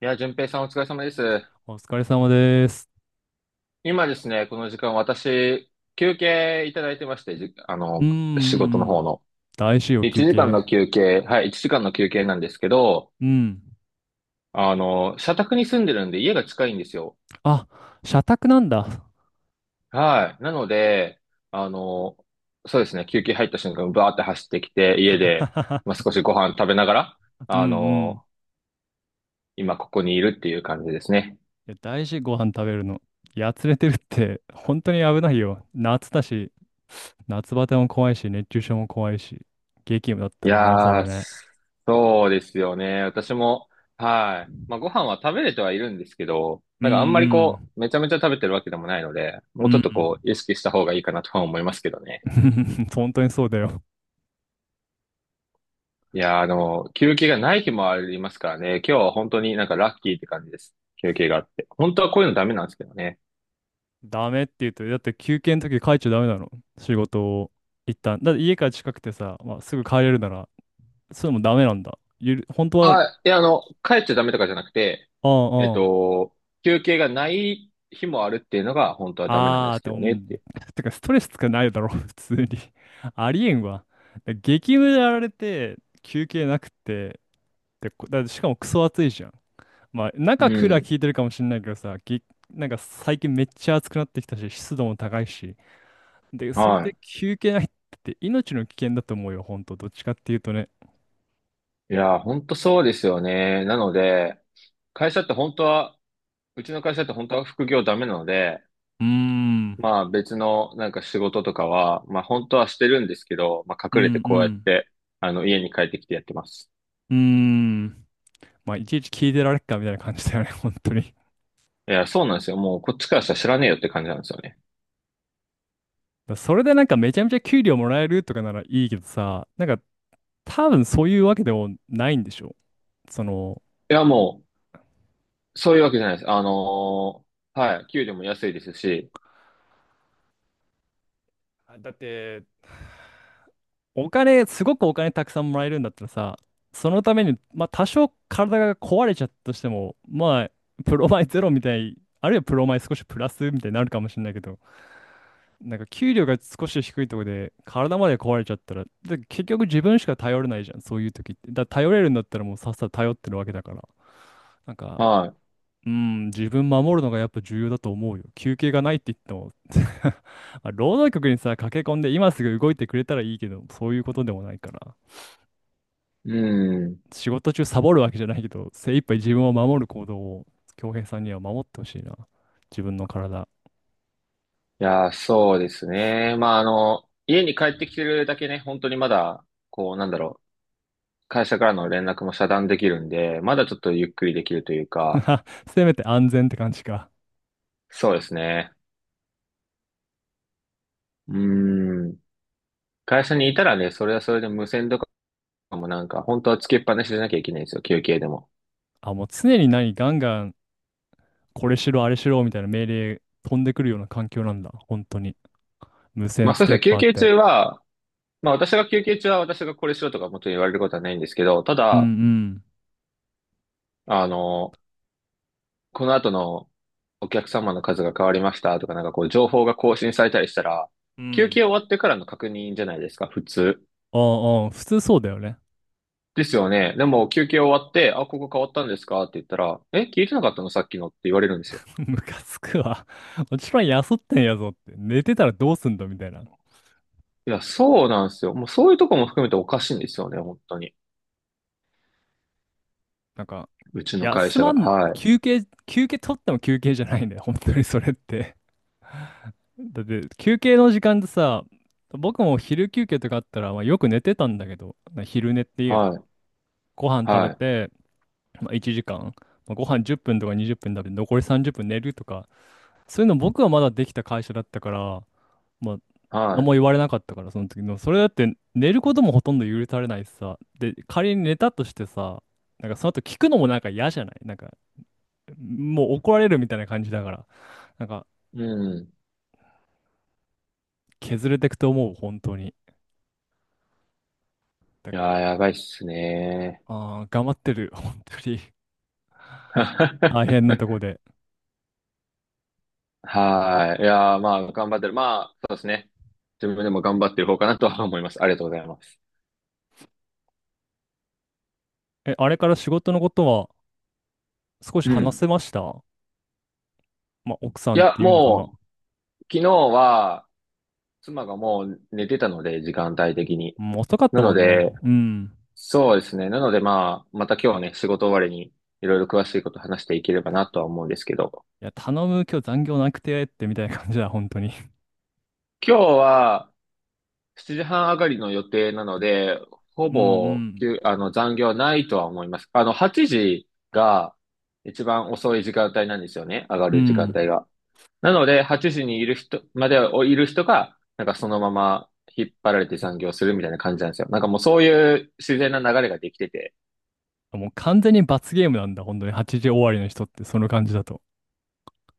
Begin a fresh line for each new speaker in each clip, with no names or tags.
いや、淳平さんお疲れ様です。
お疲れ様です。
今ですね、この時間私、休憩いただいてまして、じ、あ
うん
の、
う
仕事の
んう
方
ん。
の。
大事様休
1時間の
憩。
休憩、はい、1時間の休憩なんですけど、
うん。
社宅に住んでるんで家が近いんですよ。
あ、社宅なんだ。
はい。なので、あの、そうですね、休憩入った瞬間、バーって走ってきて、家で、まあ、少 しご飯食べながら、
うん
あ
うん。
の、今ここにいるっていう感じですね。
いや、大事ご飯食べるの。やつれてるって、本当に危ないよ。夏だし、夏バテも怖いし、熱中症も怖いし、激務だっ
い
たらなおさ
や
ら
ー、
ね。
そうですよね。私も、はい。まあ、ご飯は食べれてはいるんですけど、
うん
なんかあんまり
う
こ
ん。
う、めちゃめちゃ食べてるわけでもないので、も
う
う
ん
ち
う
ょっとこ
ん。
う、意識した方がいいかなとは思いますけどね。
本当にそうだよ。
いやー、休憩がない日もありますからね。今日は本当になんかラッキーって感じです。休憩があって。本当はこういうのダメなんですけどね。
ダメって言うと、だって休憩の時帰っちゃダメなの。仕事を一旦。だって家から近くてさ、まあ、すぐ帰れるならそれもダメなんだ。ゆる、本当は、う
あ、いや、帰っちゃダメとかじゃなくて、
ん
えっ
うん。
と、休憩がない日もあるっていうのが本当はダメなんで
ああ、
す
で
け
も、う
どねっ
ん。
て
てかストレスつかないだろ、普通に。ありえんわ。だ激務でやられて、休憩なくて、で、こだしかもクソ暑いじゃん。まあ、
い
中クーラー
う。
効いてるかもしんないけどさ、ぎ、なんか最近めっちゃ暑くなってきたし、湿度も高いし。で、
うん。
それ
は
で
い。
休憩ないって命の危険だと思うよ、ほんと。どっちかっていうとね。
いやー、ほんとそうですよね。なので、会社って本当は、うちの会社って本当は副業ダメなので、
うーん、うん
まあ別のなんか仕事とかは、まあ本当はしてるんですけど、まあ
う
隠れてこうやっ
ん、
て、家に帰ってきてやってます。
うーん。まあ、いちいち聞いてられっかみたいな感じだよね、本当に。
いや、そうなんですよ。もうこっちからしたら知らねえよって感じなんですよね。
だそれでなんかめちゃめちゃ給料もらえるとかならいいけどさ、なんか多分そういうわけでもないんでしょ。その、
いや、もう、そういうわけじゃないです。はい、給料も安いですし、
あだって、お金、すごくお金たくさんもらえるんだったらさ、そのために、まあ多少体が壊れちゃったとしても、まあ、プロマイゼロみたい、あるいはプロマイ少しプラスみたいになるかもしれないけど、なんか給料が少し低いところで体まで壊れちゃったら、で結局自分しか頼れないじゃん、そういう時って。だから頼れるんだったらもうさっさと頼ってるわけだから。なんか、
は
うん、自分守るのがやっぱ重要だと思うよ。休憩がないって言っても。 まあ労働局にさ、駆け込んで今すぐ動いてくれたらいいけど、そういうことでもないから。
い。うん。い
仕事中サボるわけじゃないけど、精一杯自分を守る行動を、恭平さんには守ってほしいな。自分の体。
や、そうですね。まあ家に帰ってきてるだけね、本当にまだ、こう、なんだろう。会社からの連絡も遮断できるんで、まだちょっとゆっくりできるというか、
せめて安全って感じか。
そうですね。うーん。会社にいたらね、それはそれで無線とかもなんか、本当はつけっぱなしじゃなきゃいけないんですよ、休憩でも。
あ、もう常に何、ガンガン、これしろ、あれしろ、みたいな命令飛んでくるような環境なんだ。本当に。無
ま
線
あ
つ
そうです
けっ
ね、休
ぱっ
憩
て。
中は、まあ私が休憩中は私がこれしろとかもちろん言われることはないんですけど、た
うん
だ、
うん。
あの、この後のお客様の数が変わりましたとか、なんかこう情報が更新されたりしたら、
う
休
ん。
憩終わってからの確認じゃないですか、普通。
ああ、普通そうだよね。
ですよね。でも休憩終わって、あ、ここ変わったんですかって言ったら、え、聞いてなかったのさっきのって言われるんですよ。
ムカつくわ。もちろん休ってんやぞって。寝てたらどうすんだみたいな。
いや、そうなんですよ。もうそういうとこも含めておかしいんですよね、本当に。
なんか、
うちの会
休
社
ま
が。
ん、
はい。
休憩取っても休憩じゃないんだよ。本当にそれって。だって、休憩の時間でさ、僕も昼休憩とかあったら、まあ、よく寝てたんだけど、な昼寝っていうの。
はい。
ご飯食べ
はい。
て、まあ、1時間、まあ、ご飯10分とか20分食べて、残り30分寝るとか、そういうの僕はまだできた会社だったから、まあ、何
は
も言われなかったから、その時の。それだって、寝ることもほとんど許されないしさ。で、仮に寝たとしてさ、なんかその後聞くのもなんか嫌じゃないなんか、もう怒られるみたいな感じだから。なんか、
い。うん。
削れてくと思う、本当に。だ
いやー、やばいっすね。
ああ、頑張ってる、本当に。大変 なとこで。
はい。いやー、まあ、頑張ってる。まあ、そうですね。自分でも頑張ってる方かなとは思います。ありがとうございます。
え、あれから仕事のことは少し
う
話
ん。
せました？まあ、奥さ
い
んっ
や、
ていうのかな。
もう、昨日は、妻がもう寝てたので、時間帯的に。
うん、遅かっ
な
たも
の
んね。
で、
うん。
そうですね。なのでまあ、また今日はね、仕事終わりにいろいろ詳しいこと話していければなとは思うんですけど、
いや、頼む、今日残業なくてってみたいな感じだ、本当に。
今日は7時半上がりの予定なので、ほ
う
ぼ、き
ん
ゅあの、残業はないとは思います。8時が一番遅い時間帯なんですよね。上が
うん。
る時
う
間帯
ん。
が。なので、8時にいる人、までいる人が、なんかそのまま引っ張られて残業するみたいな感じなんですよ。なんかもうそういう自然な流れができてて、
もう完全に罰ゲームなんだ、本当に。8時終わりの人って、その感じだと。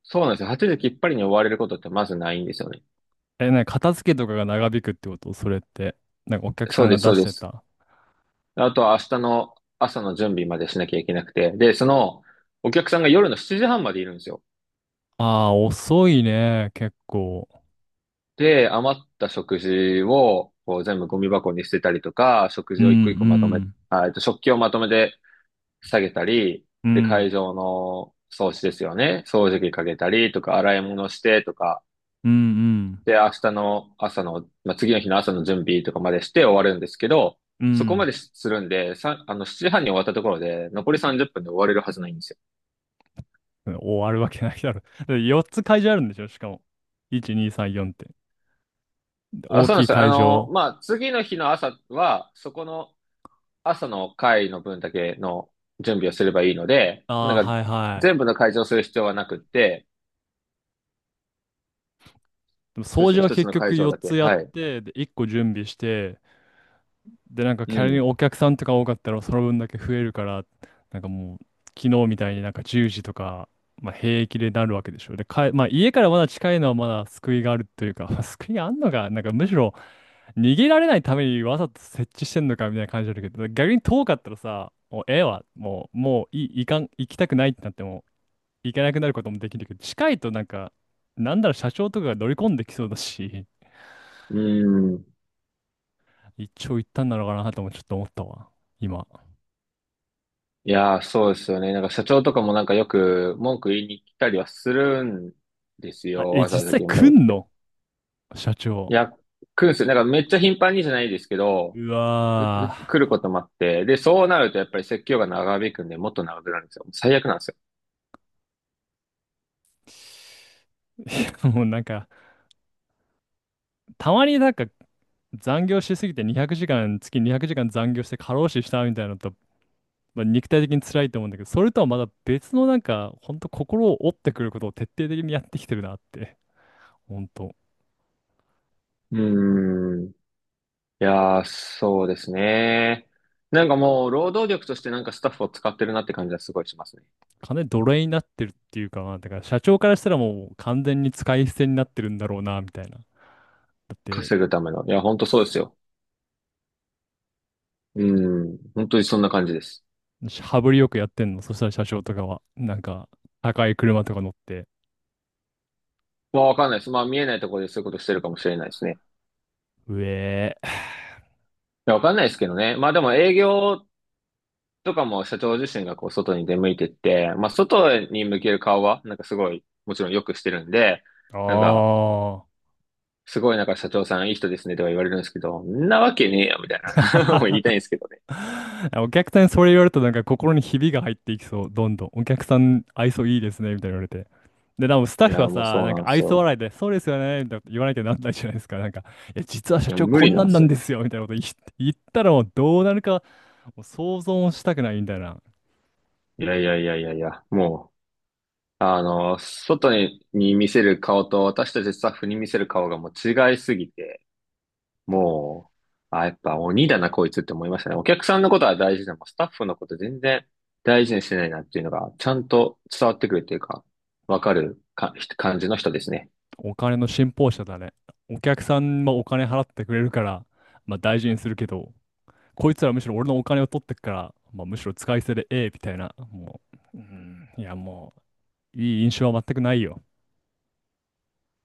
そうなんですよ。8時きっぱりに終われることってまずないんですよね。
え、なんか片付けとかが長引くってことそれって。なんかお客さ
そ
ん
うで
が
す、
出
そう
し
で
て
す。
た。
あとは明日の朝の準備までしなきゃいけなくて。で、その、お客さんが夜の7時半までいるんですよ。
ああ、遅いね、結構。
で、余った食事をこう全部ゴミ箱に捨てたりとか、食
うん
事
う
を一個一個まとめ、
ん。
あ、食器をまとめて下げたり、
う
で、
ん
会場の掃除ですよね。掃除機かけたりとか、洗い物してとか、
うん
で、明日の朝の、まあ、次の日の朝の準備とかまでして終わるんですけど、
う
そこま
ん
でするんで、さ、7時半に終わったところで、残り30分で終われるはずないんですよ。
うん終わるわけないだろ。だって4つ会場あるんでしょしかも。1、2、3、4って。で
あ、
大
そうな
き
んで
い
すよ。
会場。
まあ、次の日の朝は、そこの朝の会の分だけの準備をすればいいので、
ああ、
なんか、
はいは
全
い。
部の会場をする必要はなくって、
でも
そうで
掃
すね、
除は
一つ
結
の会
局
場
4
だけ。
つやっ
はい。
て、で、1個準備して、で、なんか
う
仮に
ん。
お客さんとか多かったらその分だけ増えるから、なんかもう昨日みたいになんか10時とか、まあ、平気でなるわけでしょ。で、かえ、まあ、家からまだ近いのはまだ救いがあるというか、まあ救いがあんのか、なんかむしろ逃げられないためにわざと設置してんのかみたいな感じあるけど、逆に遠かったらさ、もうええわ、もう、もういい、いかん、行きたくないってなっても、行けなくなることもできるけど、近いとなんか、なんだろう、社長とかが乗り込んできそうだし、
うん。
一長一短なのかなともちょっと思ったわ、今。
いやー、そうですよね。なんか社長とかもなんかよく文句言いに来たりはするんです
あ、
よ。
え、
わざ
実
わざ
際
現場
来
に来
ん
て。
の社長。
いや、来るんですよ。なんかめっちゃ頻繁にじゃないですけど、
うわ
来ることもあって。で、そうなるとやっぱり説教が長引くんで、もっと長くなるんですよ。最悪なんですよ。
ー。いや、もうなんか、たまになんか残業しすぎて200時間、月200時間残業して過労死したみたいなのと、まあ、肉体的に辛いと思うんだけど、それとはまだ別のなんか、ほんと心を折ってくることを徹底的にやってきてるなって。ほんと。
うーん。いやー、そうですね。なんかもう、労働力としてなんかスタッフを使ってるなって感じはすごいしますね。
金奴隷になってるっていうか、まあだから社長からしたらもう完全に使い捨てになってるんだろうな、みたいな。だって、
稼ぐための。いや、ほんとそうですよ。うーん。本当にそんな感じです。
羽振りよくやってんの。そしたら社長とかは、なんか、高い車とか乗って、
まあ、わかんないです。まあ、見えないところでそういうことしてるかもしれないですね。
うえ
や、わかんないですけどね。まあでも営業とかも社長自身がこう外に出向いてって、まあ外に向ける顔はなんかすごい、もちろんよくしてるんで、
ー。
なんか
ああ。
すごいなんか社長さんいい人ですねとか言われるんですけど、んなわけねえよみたいな。もう言いたいんですけどね。
お客さんにそれ言われるとなんか心にひびが入っていきそう。どんどん。お客さん愛想いいですね。みたいな言われて。で、でもスタ
い
ッフ
や、
は
もう
さ、
そう
なん
な
か
んです
愛想
よ。
笑いで、そうですよね。みたいなこと言わなきゃなんないじゃないですか。なんか、いや、実は社
いや、
長
無
こ
理
ん
な
な
んで
んな
す
ん
よ。
ですよ。みたいなこと言ったらもうどうなるかもう想像もしたくないみたいな。
いや、もう、外に見せる顔と私たちスタッフに見せる顔がもう違いすぎて、もう、あ、やっぱ鬼だな、こいつって思いましたね。お客さんのことは大事でも、スタッフのこと全然大事にしてないなっていうのが、ちゃんと伝わってくるっていうか、わかるか、感じの人ですね。
お金の信奉者だね。お客さんもお金払ってくれるから、まあ大事にするけど。こいつらむしろ俺のお金を取ってっから、まあ、むしろ使い捨てでええみたいな、もう、うん、いやもう、いい印象は全くないよ。